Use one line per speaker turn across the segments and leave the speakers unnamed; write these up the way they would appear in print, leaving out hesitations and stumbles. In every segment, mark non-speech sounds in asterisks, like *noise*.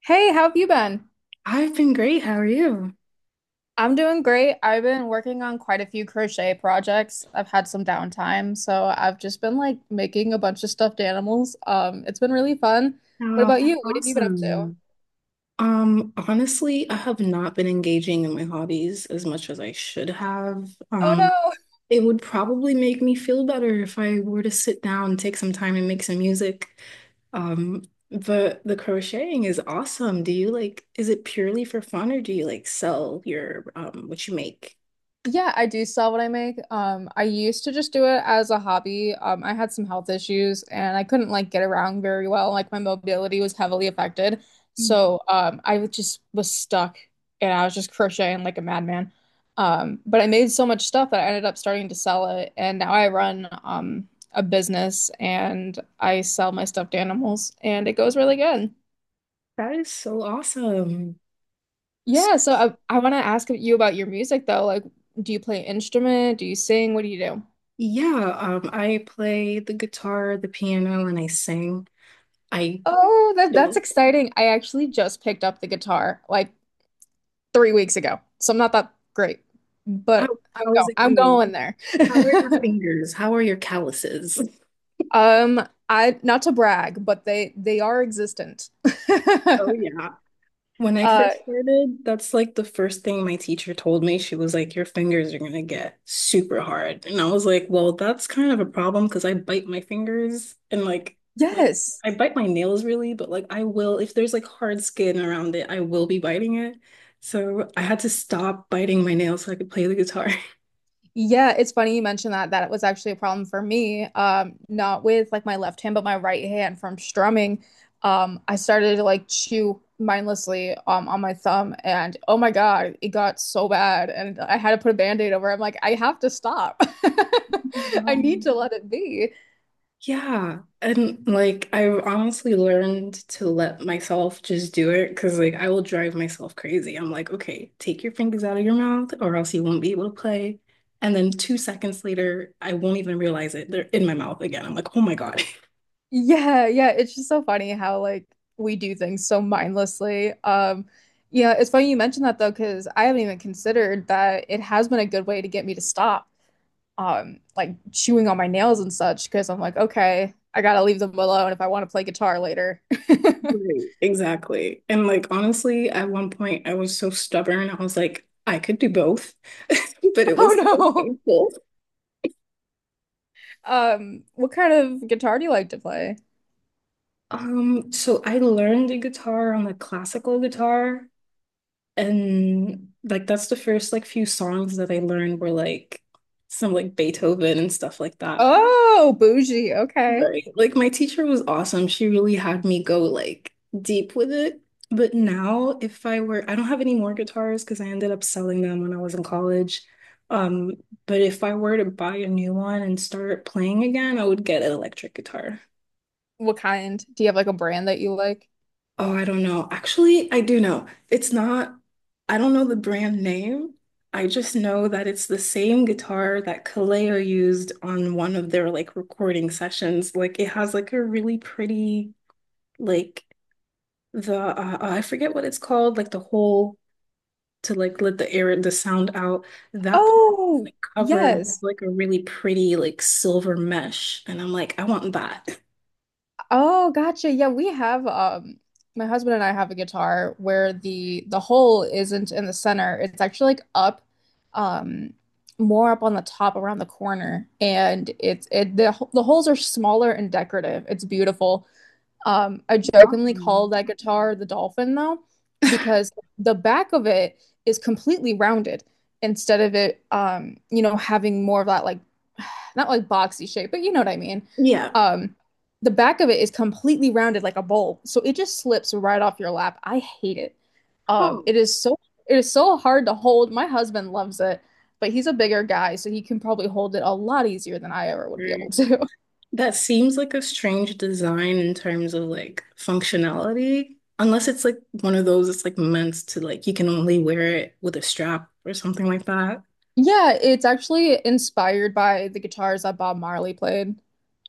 Hey, how have you been?
I've been great. How are you?
I'm doing great. I've been working on quite a few crochet projects. I've had some downtime, so I've just been like making a bunch of stuffed animals. It's been really fun. What
Oh,
about
that's
you? What have you been up to?
awesome. Honestly, I have not been engaging in my hobbies as much as I should have.
Oh no.
It would probably make me feel better if I were to sit down and take some time and make some music. Um, but the crocheting is awesome. Do you like, is it purely for fun or do you like sell your what you make?
Yeah, I do sell what I make. I used to just do it as a hobby. I had some health issues and I couldn't like get around very well. Like my mobility was heavily affected.
Mm.
So I was- just was stuck and I was just crocheting like a madman. But I made so much stuff that I ended up starting to sell it. And now I run a business and I sell my stuffed animals and it goes really good.
That is so awesome.
Yeah,
So,
so I want to ask you about your music though. Like, do you play instrument? Do you sing? What do you do?
yeah, I play the guitar, the piano, and I sing. I
Oh, that's
don't.
exciting. I actually just picked up the guitar like 3 weeks ago, so I'm not that great,
How,
but I'm
how is
going.
it
I'm
going?
going there.
How are your
*laughs*
fingers? How are your calluses? *laughs*
Um, I not to brag, but they are existent. *laughs*
Oh, yeah. When I
Uh,
first started, that's like the first thing my teacher told me. She was like, Your fingers are going to get super hard. And I was like, Well, that's kind of a problem because I bite my fingers and like
yes.
I bite my nails really, but like I will, if there's like hard skin around it, I will be biting it. So I had to stop biting my nails so I could play the guitar.
Yeah, it's funny you mentioned that. That was actually a problem for me. Not with like my left hand, but my right hand from strumming. I started to like chew mindlessly on my thumb, and oh my God, it got so bad, and I had to put a band-aid over it. I'm like, I have to stop. *laughs* I need to
*laughs*
let it be.
Yeah, and like I've honestly learned to let myself just do it because like I will drive myself crazy. I'm like, okay, take your fingers out of your mouth or else you won't be able to play. And then two seconds later, I won't even realize it. They're in my mouth again. I'm like, oh my God. *laughs*
Yeah, yeah. It's just so funny how like we do things so mindlessly. Yeah, it's funny you mentioned that though, because I haven't even considered that it has been a good way to get me to stop like chewing on my nails and such because I'm like, okay, I gotta leave them alone if I want to play guitar later. *laughs*
Right, exactly. And like honestly, at one point I was so stubborn. I was like, I could do both, *laughs* but it was so
Oh
painful.
no. What kind of guitar do you like to play?
So I learned the guitar on the classical guitar, and like that's the first like few songs that I learned were like some like Beethoven and stuff like that.
Oh, bougie. Okay.
Right. Like my teacher was awesome. She really had me go like deep with it. But now if I were, I don't have any more guitars because I ended up selling them when I was in college. Um, but if I were to buy a new one and start playing again, I would get an electric guitar.
What kind? Do you have like a brand that you like?
Oh, I don't know. Actually, I do know. It's not, I don't know the brand name. I just know that it's the same guitar that Kaleo used on one of their like recording sessions. Like it has like a really pretty like the oh, I forget what it's called, like the hole to like let the air and the sound out. That part is
Oh,
like covered with,
yes.
like a really pretty like silver mesh, and I'm like, I want that.
Oh, gotcha. Yeah, we have my husband and I have a guitar where the hole isn't in the center. It's actually like up um more up on the top around the corner and it's it the holes are smaller and decorative. It's beautiful. I jokingly call
Awesome.
that guitar the dolphin though, because the back of it is completely rounded instead of it, you know, having more of that like *sighs* not like boxy shape, but you know what I mean.
Yeah.
Um, the back of it is completely rounded like a bowl, so it just slips right off your lap. I hate it. Um,
Oh,
it is so it is so hard to hold. My husband loves it, but he's a bigger guy, so he can probably hold it a lot easier than I ever would be able
okay.
to. *laughs*
That seems like a strange design in terms of like functionality, unless it's like one of those. It's like meant to like you can only wear it with a strap or something like that.
Yeah, it's actually inspired by the guitars that Bob Marley played.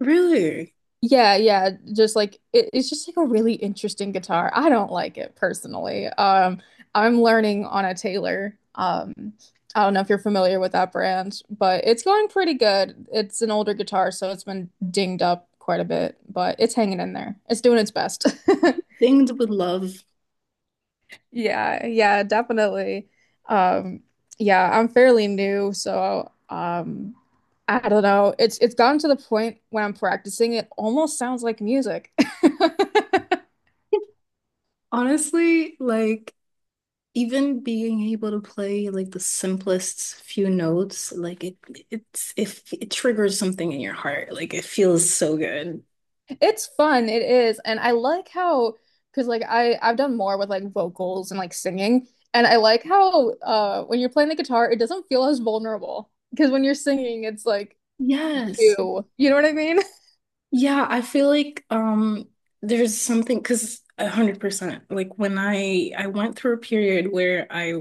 Really?
Yeah, yeah, just like it's just like a really interesting guitar. I don't like it personally. I'm learning on a Taylor. I don't know if you're familiar with that brand, but it's going pretty good. It's an older guitar, so it's been dinged up quite a bit, but it's hanging in there. It's doing its best. *laughs*
Things with love.
Yeah, yeah, definitely. Um, yeah, I'm fairly new, so I don't know. It's gotten to the point when I'm practicing, it almost sounds like music. *laughs*
Honestly, like even being able to play like the simplest few notes, like it's if it, it triggers something in your heart, like it feels so good.
It's fun, it is. And I like how, because like I've done more with like vocals and like singing, and I like how when you're playing the guitar, it doesn't feel as vulnerable. Because when you're singing, it's like
Yes.
you. You know what I mean? *laughs*
Yeah, I feel like there's something because 100% like when I went through a period where I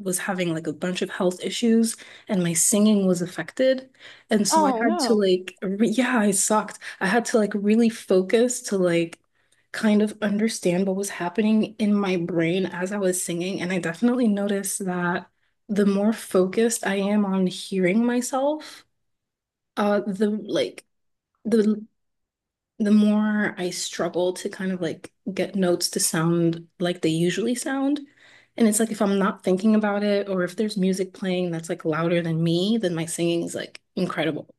was having like a bunch of health issues and my singing was affected and so I
Oh
had to
no.
like re yeah, I sucked. I had to like really focus to like kind of understand what was happening in my brain as I was singing, and I definitely noticed that the more focused I am on hearing myself, the the the more I struggle to kind of like get notes to sound like they usually sound. And it's like if I'm not thinking about it or if there's music playing that's like louder than me, then my singing is like incredible.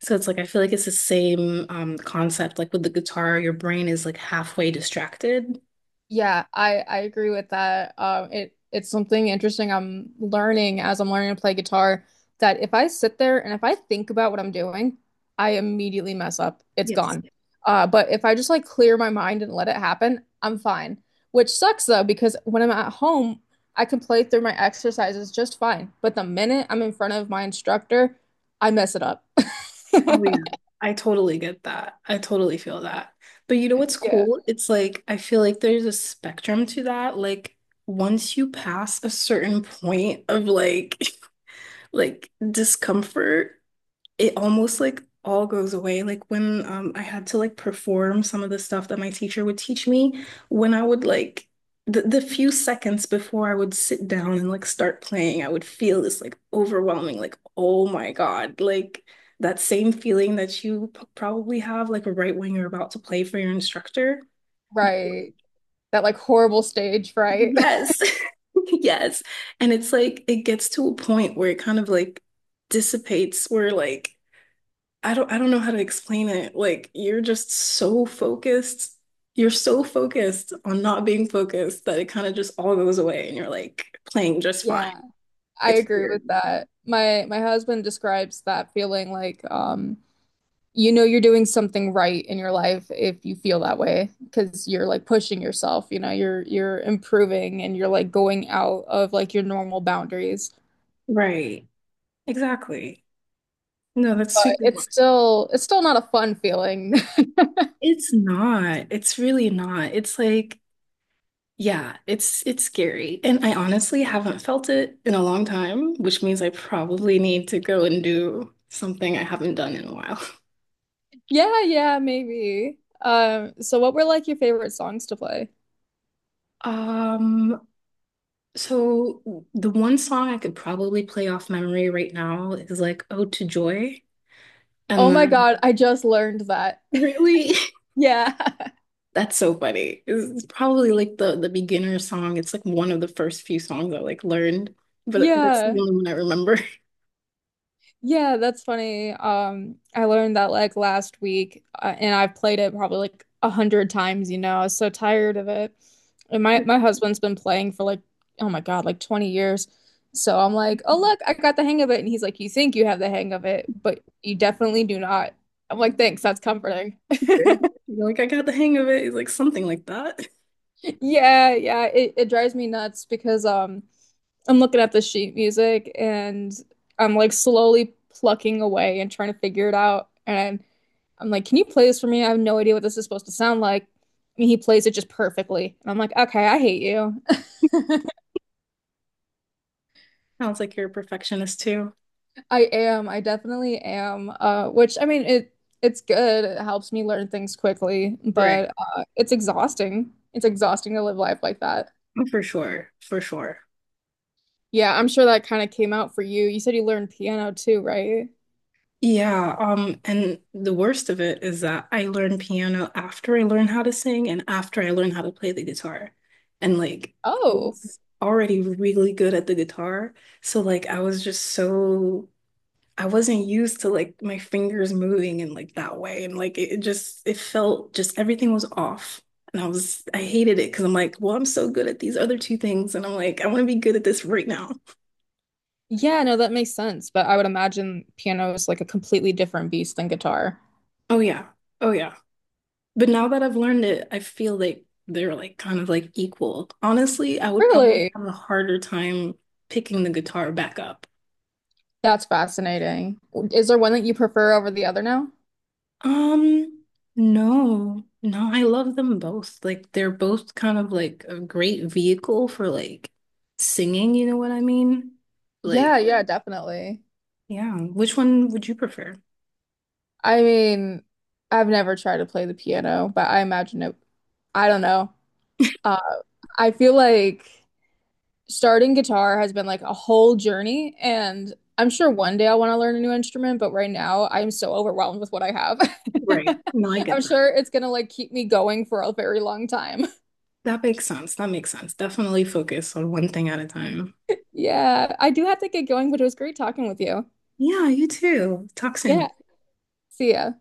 So it's like I feel like it's the same concept like with the guitar, your brain is like halfway distracted.
Yeah, I agree with that. It's something interesting I'm learning as I'm learning to play guitar that if I sit there and if I think about what I'm doing, I immediately mess up. It's
Yes.
gone. But if I just like clear my mind and let it happen, I'm fine. Which sucks though, because when I'm at home, I can play through my exercises just fine. But the minute I'm in front of my instructor, I mess it up.
Oh yeah.
*laughs*
I totally get that. I totally feel that. But you know what's
Yeah,
cool? It's like I feel like there's a spectrum to that. Like once you pass a certain point of like *laughs* like discomfort, it almost like all goes away. Like when I had to like perform some of the stuff that my teacher would teach me, when I would like the few seconds before I would sit down and like start playing, I would feel this like overwhelming, like, oh my God, like that same feeling that you probably have like right when you're about to play for your instructor. But,
right.
like,
That like horrible stage fright.
Yes. *laughs* Yes. And it's like it gets to a point where it kind of like dissipates where like I don't know how to explain it. Like you're just so focused. You're so focused on not being focused that it kind of just all goes away and you're like playing
*laughs*
just fine.
Yeah. I
It's
agree with
weird.
that. My husband describes that feeling like you know you're doing something right in your life if you feel that way because you're like pushing yourself, you know, you're improving and you're like going out of like your normal boundaries.
Right. Exactly. No, that's
But
super wild.
it's still not a fun feeling. *laughs*
It's not. It's really not. It's like, yeah, it's scary. And I honestly haven't felt it in a long time, which means I probably need to go and do something I haven't done in a while. *laughs*
Yeah, yeah, maybe. So what were like your favorite songs to play?
Um, So the one song I could probably play off memory right now is like "Ode to Joy," and
Oh my
then
God, I just learned that. *laughs*
really,
Yeah.
*laughs* that's so funny. It's probably like the beginner song. It's like one of the first few songs I like learned,
*laughs*
but that's
Yeah.
the only one I remember.
Yeah, that's funny. I learned that like last week, and I've played it probably like 100 times, you know. I was so tired of it. And my husband's been playing for like, oh my God, like 20 years. So I'm like, oh look,
*laughs*
I got the hang of it. And he's like, you think you have the hang of it, but you definitely do not. I'm like, thanks, that's comforting. *laughs*
Okay. You're like, I got the hang of it. It's like something like that.
Yeah, yeah, it drives me nuts because I'm looking at the sheet music and I'm like slowly plucking away and trying to figure it out. And I'm like, can you play this for me? I have no idea what this is supposed to sound like. And he plays it just perfectly. And I'm like, okay, I hate you. *laughs*
*laughs* Sounds like you're a perfectionist too.
I am. I definitely am. Which I mean, it's good. It helps me learn things quickly,
Right.
but it's exhausting. It's exhausting to live life like that.
For sure, for sure.
Yeah, I'm sure that kind of came out for you. You said you learned piano too, right?
Yeah, and the worst of it is that I learned piano after I learned how to sing and after I learned how to play the guitar. And like I
Oh,
was already really good at the guitar. So like I was just so I wasn't used to like my fingers moving in like that way. And like it just it felt just everything was off. And I hated it because I'm like, well, I'm so good at these other two things, and I'm like, I want to be good at this right now.
yeah, no, that makes sense. But I would imagine piano is like a completely different beast than guitar.
Oh yeah. Oh yeah. But now that I've learned it, I feel like they're like kind of like equal. Honestly, I would probably
Really?
have a harder time picking the guitar back up.
That's fascinating. Is there one that you prefer over the other now?
Um, no, no, I love them both. Like they're both kind of like a great vehicle for like singing, you know what I mean? Like,
Yeah, yeah, definitely.
yeah, which one would you prefer?
I mean, I've never tried to play the piano, but I imagine it, I don't know. Uh, I feel like starting guitar has been like a whole journey, and I'm sure one day I want to learn a new instrument, but right now I'm so overwhelmed with what I have.
Right. No, I
*laughs* I'm
get that.
sure it's gonna like keep me going for a very long time. *laughs*
That makes sense. That makes sense. Definitely focus on one thing at a time.
Yeah, I do have to get going, but it was great talking with you.
Yeah, you too. Talk
Yeah,
soon.
see ya.